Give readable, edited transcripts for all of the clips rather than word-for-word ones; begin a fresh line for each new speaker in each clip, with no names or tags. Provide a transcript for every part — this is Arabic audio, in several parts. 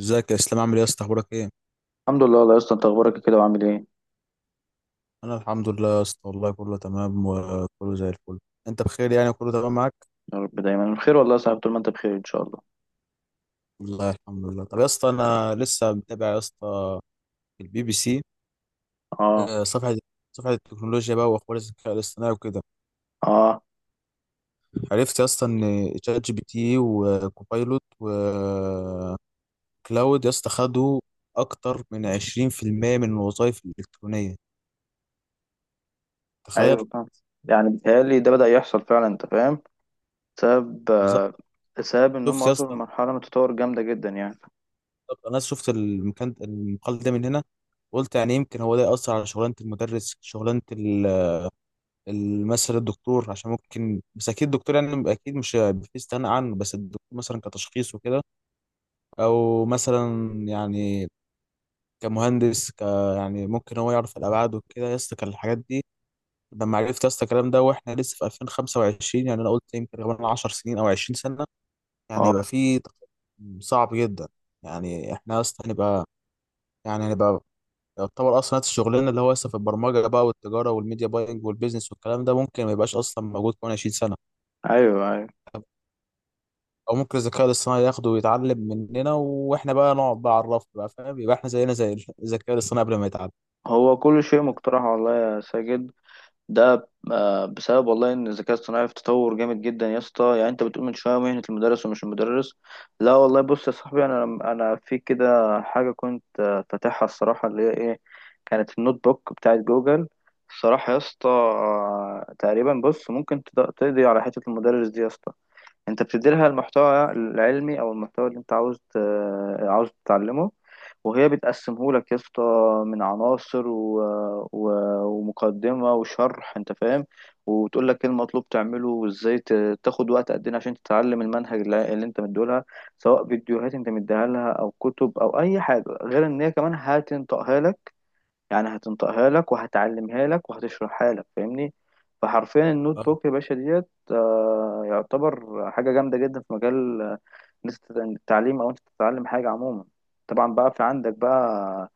ازيك يا اسلام، عامل ايه يا اسطى؟ اخبارك ايه؟
الحمد لله، والله يا اسطى انت اخبارك كده وعامل ايه؟
انا الحمد لله يا اسطى، والله كله تمام وكله زي الفل. انت بخير يعني؟ كله تمام معاك؟
يا رب دايما بخير والله يا صاحبي، طول ما انت بخير ان شاء الله.
والله الحمد لله. طب يا اسطى، انا لسه متابع يا اسطى البي بي سي.
اه.
آه، صفحه صفحه التكنولوجيا بقى واخبار الذكاء الاصطناعي وكده.
اه.
عرفت يا اسطى ان شات جي بي تي وكوبايلوت وكلاود يا اسطى خدوا اكتر من 20% من الوظائف الالكترونيه. تخيل!
ايوه، فاهم. يعني بيتهيألي ده بدأ يحصل فعلا انت فاهم، بسبب
بالظبط.
آه، بسبب ان هم
شفت يا
وصلوا
اسطى؟
لمرحلة من التطور جامدة جدا يعني.
بالظبط. انا شفت المكان المقال ده من هنا. قلت يعني يمكن هو ده يأثر على شغلانة المدرس، شغلانة مثلا الدكتور، عشان ممكن، بس أكيد الدكتور يعني أكيد مش في استغنى عنه، بس الدكتور مثلا كتشخيص وكده. أو مثلا يعني كمهندس، يعني ممكن هو يعرف الأبعاد وكده يا اسطى كان الحاجات دي. لما عرفت يا اسطى الكلام ده وإحنا لسه في 2025، يعني أنا قلت يمكن كمان 10 سنين أو 20 سنة يعني
اه.
هيبقى في تقدم صعب جدا. يعني إحنا يا اسطى هنبقى، يعني هنبقى يعتبر اصلا نفس الشغلانه، اللي هو لسه في البرمجه بقى والتجاره والميديا باينج والبيزنس والكلام ده ممكن ما يبقاش اصلا موجود كمان 20 سنه.
ايوه، ايوه.
او ممكن الذكاء الاصطناعي ياخده ويتعلم مننا واحنا بقى نقعد بقى على الرف بقى، فاهم؟ يبقى احنا زينا زي الذكاء الاصطناعي قبل ما يتعلم.
هو كل شيء مقترح والله يا ساجد. ده بسبب والله ان الذكاء الصناعي في تطور جامد جدا يا اسطى، يعني انت بتقول من شويه مهنه المدرس ومش المدرس. لا والله، بص يا صاحبي، انا في كده حاجه كنت فاتحها الصراحه، اللي هي ايه؟ كانت النوت بوك بتاعت جوجل. الصراحه يا اسطى تقريبا بص ممكن تقضي على حته المدرس دي يا اسطى. انت بتديلها المحتوى العلمي او المحتوى اللي انت عاوز عاوز تتعلمه، وهي بتقسمه لك يا اسطى من عناصر و... ومقدمة وشرح انت فاهم. وتقول لك ايه المطلوب تعمله وازاي تاخد وقت قد ايه عشان تتعلم المنهج اللي انت مديهولها، سواء فيديوهات انت مديها لها او كتب او اي حاجة. غير ان هي كمان هتنطقها لك، يعني هتنطقها لك وهتعلمها لك وهتشرحها لك، فاهمني؟ فحرفيا النوت
آه.
بوك يا باشا ديت يعتبر حاجة جامدة جدا في مجال إن أنت التعليم أو أنت تتعلم حاجة عموما. طبعا بقى في عندك بقى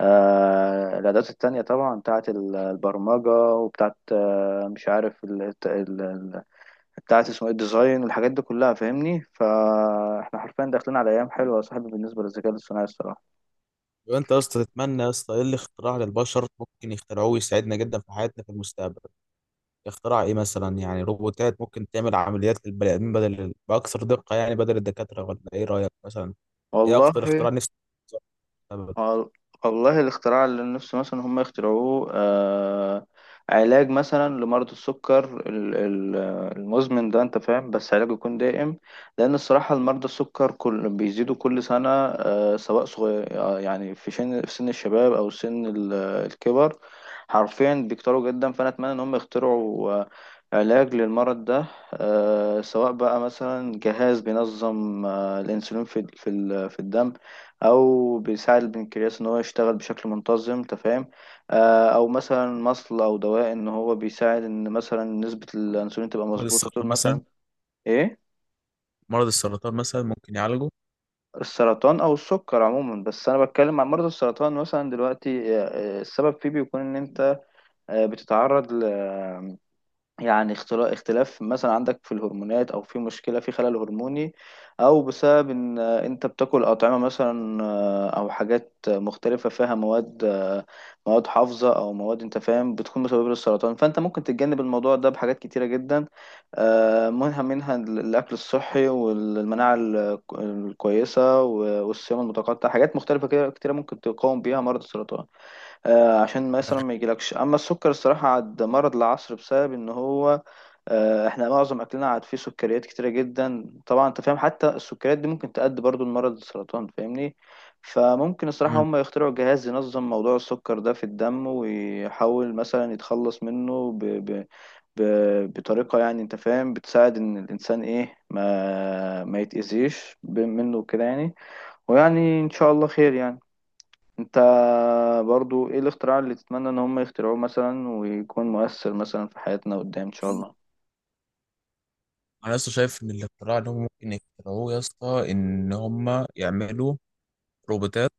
الأدوات التانية طبعا بتاعة البرمجة وبتاعة مش عارف بتاعة اسمه ايه الديزاين والحاجات دي كلها، فاهمني؟ فاحنا حرفيا داخلين على أيام حلوة يا صاحبي بالنسبة للذكاء الاصطناعي الصراحة.
يبقى انت يا اسطى تتمنى يا اسطى ايه الاختراع للبشر ممكن يخترعوه ويساعدنا جدا في حياتنا في المستقبل؟ اختراع ايه مثلا؟ يعني روبوتات ممكن تعمل عمليات للبني ادمين بدل، باكثر دقه، يعني بدل الدكاتره، ولا ايه رايك مثلا؟ ايه اكتر اختراع
والله
نفسك في
وال- والله الاختراع اللي نفسي مثلا هم يخترعوه علاج مثلا لمرض السكر المزمن ده، انت فاهم، بس علاج يكون دائم. لان الصراحة المرضى السكر كل بيزيدوا كل سنة سواء صغير يعني في سن الشباب او سن الكبر، حرفيا بيكتروا جدا. فانا اتمنى ان هم يخترعوا علاج للمرض ده سواء بقى مثلا جهاز بينظم الانسولين في الدم، او بيساعد البنكرياس ان هو يشتغل بشكل منتظم، تفهم؟ او مثلا مصل او دواء ان هو بيساعد ان مثلا نسبة الانسولين تبقى مظبوطة طول
المستقبل؟
مثلا. ايه؟
مرض السرطان مثلا ممكن يعالجه.
السرطان او السكر عموما. بس انا بتكلم عن مرض السرطان مثلا دلوقتي السبب فيه بيكون ان انت بتتعرض يعني اختلاف مثلا عندك في الهرمونات او في مشكله في خلل هرموني، او بسبب ان انت بتاكل اطعمه مثلا او حاجات مختلفه فيها مواد حافظه او مواد انت فاهم بتكون مسببه للسرطان. فانت ممكن تتجنب الموضوع ده بحاجات كتيره جدا منها الاكل الصحي والمناعه الكويسه والصيام المتقطع، حاجات مختلفه كده كتيره ممكن تقاوم بيها مرض السرطان عشان مثلا ما يجيلكش. اما السكر الصراحه عاد مرض العصر بسبب ان هو احنا معظم اكلنا عاد فيه سكريات كتيره جدا طبعا، انت فاهم، حتى السكريات دي ممكن تؤدي برضو لمرض السرطان، فاهمني؟ فممكن الصراحه
مم.
هم يخترعوا جهاز ينظم موضوع السكر ده في الدم ويحاول مثلا يتخلص منه ب... بطريقه يعني انت فاهم بتساعد ان الانسان ايه ما يتاذيش منه كده يعني، ويعني ان شاء الله خير يعني. انت برضو ايه الاختراع اللي تتمنى ان هم يخترعوه مثلا ويكون مؤثر مثلا في حياتنا قدام ان شاء الله؟
انا لسه شايف ان الاختراع اللي هم ممكن يخترعوه يا اسطى ان هم يعملوا روبوتات.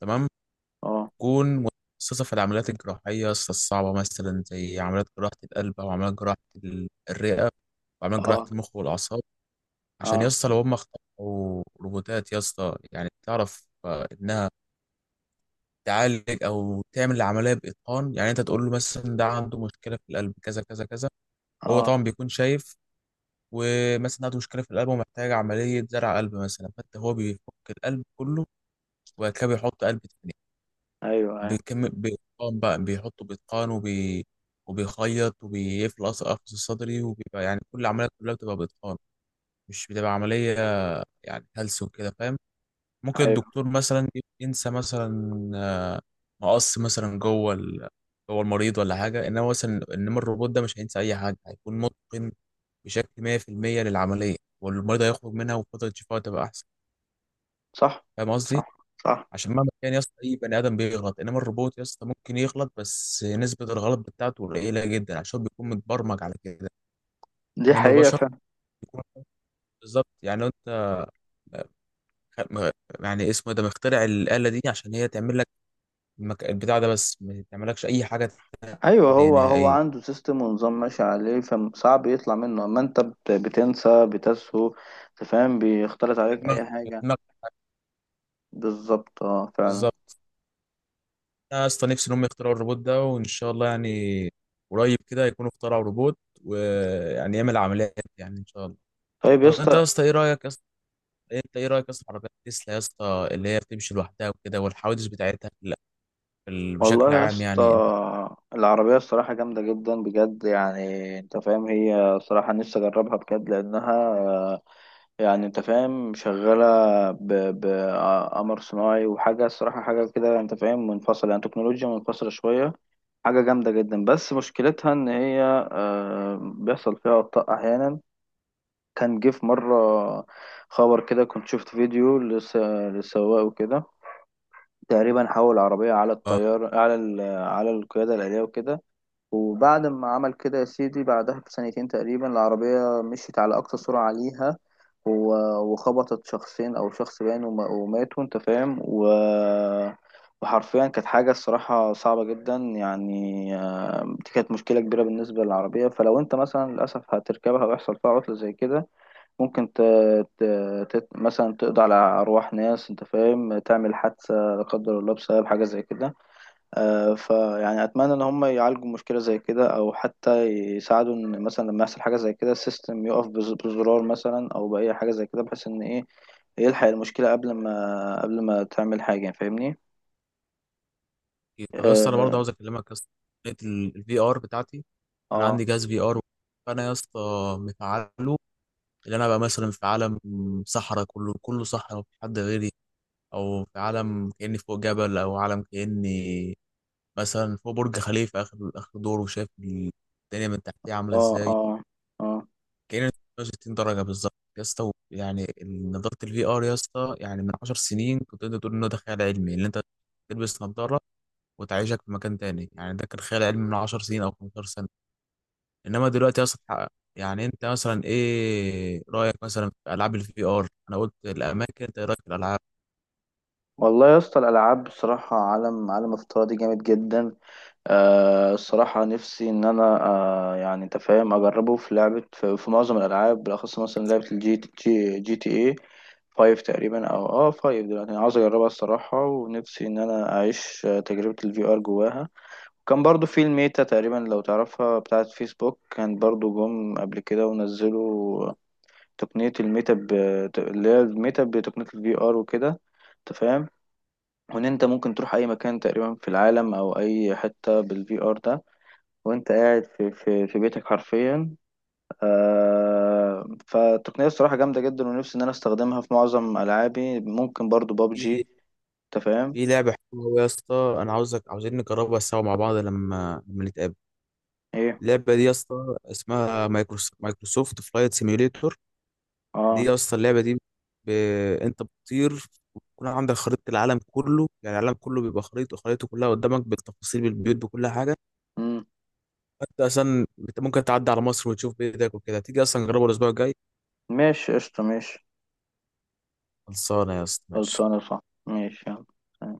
تمام؟
اه.
تكون متخصصه في العمليات الجراحيه يا اسطى الصعبه، مثلا زي عمليات جراحه القلب او عمليات جراحه الرئه وعمليات جراحه
اه.
المخ والاعصاب. عشان يا
اه.
اسطى لو هم اخترعوا روبوتات يا اسطى، يعني تعرف انها تعالج او تعمل العمليه باتقان. يعني انت تقول له مثلا ده عنده مشكله في القلب كذا كذا كذا، وهو
اه.
طبعا بيكون شايف. ومثلا عنده مشكله في القلب ومحتاج عمليه زرع قلب مثلا، فانت هو بيفك القلب كله، وبعد كده بيحط قلب تاني.
ايوه، ايوه،
بيكم بيتقان بقى، بيحطه بيتقان وبيخيط وبيقفل القفص الصدري، وبيبقى يعني كل العمليه كلها بتبقى بإتقان، مش بتبقى عمليه يعني هلس وكده، فاهم؟ ممكن
ايوه.
الدكتور مثلا ينسى مثلا آه، مقص مثلا جوه المريض ولا حاجه، انما الروبوت ده مش هينسى اي حاجه. هيكون متقن بشكل 100% للعمليه، والمريض هيخرج منها وفتره شفائه تبقى احسن.
صح.
فاهم قصدي؟
صح. صح.
عشان مهما كان يا اسطى اي بني ادم بيغلط، انما الروبوت يا اسطى ممكن يغلط بس نسبه الغلط بتاعته قليله جدا، عشان بيكون متبرمج على كده.
دي
انما
حقيقة
البشر
فعلا.
بيكون، بالظبط. يعني لو انت م- يعني اسمه إيه ده مخترع الآلة دي، عشان هي تعمل لك البتاع ده بس ما تعملكش أي حاجة
ايوه،
تانية
هو
نهائية.
عنده سيستم ونظام ماشي عليه، فصعب يطلع منه. اما انت بتنسى بتسهو. أنت فاهم، بيختلط عليك
دماغك،
اي حاجة.
دماغك
بالظبط، اه فعلا.
بالظبط. انا اصلا نفسي ان هم يخترعوا الروبوت ده، وان شاء الله يعني قريب كده يكونوا اخترعوا روبوت، ويعني يعمل عمليات، يعني ان شاء الله.
طيب يا
طب انت
اسطى.
يا اسطى ايه رايك يا اسطى؟ انت ايه رايك يا اسطى في عربيات تسلا يا اسطى اللي هي بتمشي لوحدها وكده، والحوادث بتاعتها بشكل
والله يا
عام يعني؟ انت؟
اسطى، العربية الصراحة جامدة جدا بجد، يعني انت فاهم، هي صراحة نفسي اجربها بجد لانها يعني انت فاهم شغالة بقمر صناعي وحاجة، الصراحة حاجة كده، انت فاهم، منفصلة، يعني تكنولوجيا منفصلة شوية، حاجة جامدة جدا. بس مشكلتها ان هي بيحصل فيها اخطاء احيانا. كان جه في مرة خبر كده كنت شفت فيديو للسواق وكده، تقريبا حول العربية على
اه،
الطيار على القيادة الآلية وكده، وبعد ما عمل كده يا سيدي بعدها بسنتين تقريبا العربية مشيت على أقصى سرعة عليها و... وخبطت شخصين أو شخص باين وماتوا أنت فاهم وحرفيا كانت حاجة الصراحة صعبة جدا، يعني دي كانت مشكلة كبيرة بالنسبة للعربية. فلو أنت مثلا للأسف هتركبها ويحصل فيها عطلة زي كده، ممكن ت... مثلا تقضي على أرواح ناس أنت فاهم، تعمل حادثة لا قدر الله بسبب حاجة زي كده. فيعني أتمنى إن هم يعالجوا مشكلة زي كده، أو حتى يساعدوا إن مثلا لما يحصل حاجة زي كده السيستم يقف بزرار مثلا أو بأي حاجة زي كده، بحيث إن إيه يلحق المشكلة قبل ما تعمل حاجة، فاهمني؟
أكيد. طب يا اسطى انا
اه.
برضه عاوز اكلمك يا اسطى الفي ار بتاعتي. انا
اه.
عندي جهاز في ار، فانا يا اسطى مفعله. اللي انا بقى مثلا في عالم صحراء، كله كله صحراء مفيش حد غيري. او في عالم كاني فوق جبل، او عالم كاني مثلا فوق برج خليفة آخر آخر دور وشايف الدنيا من تحتيه عاملة
اه.
إزاي،
اه. آه.
كأنك 360 درجة بالظبط يا اسطى. يعني نضارة الفي آر يا اسطى، يعني من 10 سنين كنت تقدر تقول إنه ده خيال علمي، اللي أنت تلبس نضارة وتعيشك في مكان تاني. يعني ده كان خيال علمي من 10 سنين أو 15 سنة، إنما دلوقتي يا اسطى اتحقق. يعني أنت مثلا إيه رأيك مثلا في ألعاب الفي آر؟ أنا قلت الأماكن، أنت إيه رأيك في الألعاب؟
والله يا اسطى، الألعاب بصراحة عالم، عالم الفترة دي جامد جدا. الصراحة نفسي إن أنا يعني أنت فاهم أجربه في لعبة، في معظم الألعاب، بالأخص مثلا لعبة GTA 5 تقريبا، أو فايف دلوقتي. أنا عاوز أجربها الصراحة، ونفسي إن أنا أعيش تجربة الفي آر جواها. كان برضو في الميتا تقريبا لو تعرفها، بتاعة فيسبوك، كان برضو جم قبل كده ونزلوا تقنية الميتا اللي هي الميتا بتقنية الفي آر وكده، أنت فاهم، وإن أنت ممكن تروح أي مكان تقريبا في العالم أو أي حتة بالفي آر ده وانت قاعد في بيتك حرفيا. فالتقنيه الصراحه جامده جدا، ونفسي ان انا استخدمها في معظم العابي، ممكن برضو
في
بابجي، انت فاهم.
في لعبة حلوة أوي يا اسطى، أنا عاوزين نجربها سوا مع بعض لما نتقابل.
ايه.
اللعبه دي يا اسطى اسمها مايكروسوفت فلايت سيميوليتور. دي
اه.
يا اسطى اللعبه دي، ب... انت بتطير، ويكون عندك خريطه العالم كله. يعني العالم كله بيبقى خريطه، كلها قدامك بالتفاصيل بالبيوت بكل حاجه.
امم.
انت ممكن تعدي على مصر وتشوف بايدك وكده. تيجي اصلا نجربه الاسبوع الجاي؟
ماشي. قشطه. ماشي.
خلصانه يا اسطى، ماشي.
خلصانه. صح. ماشي. يلا.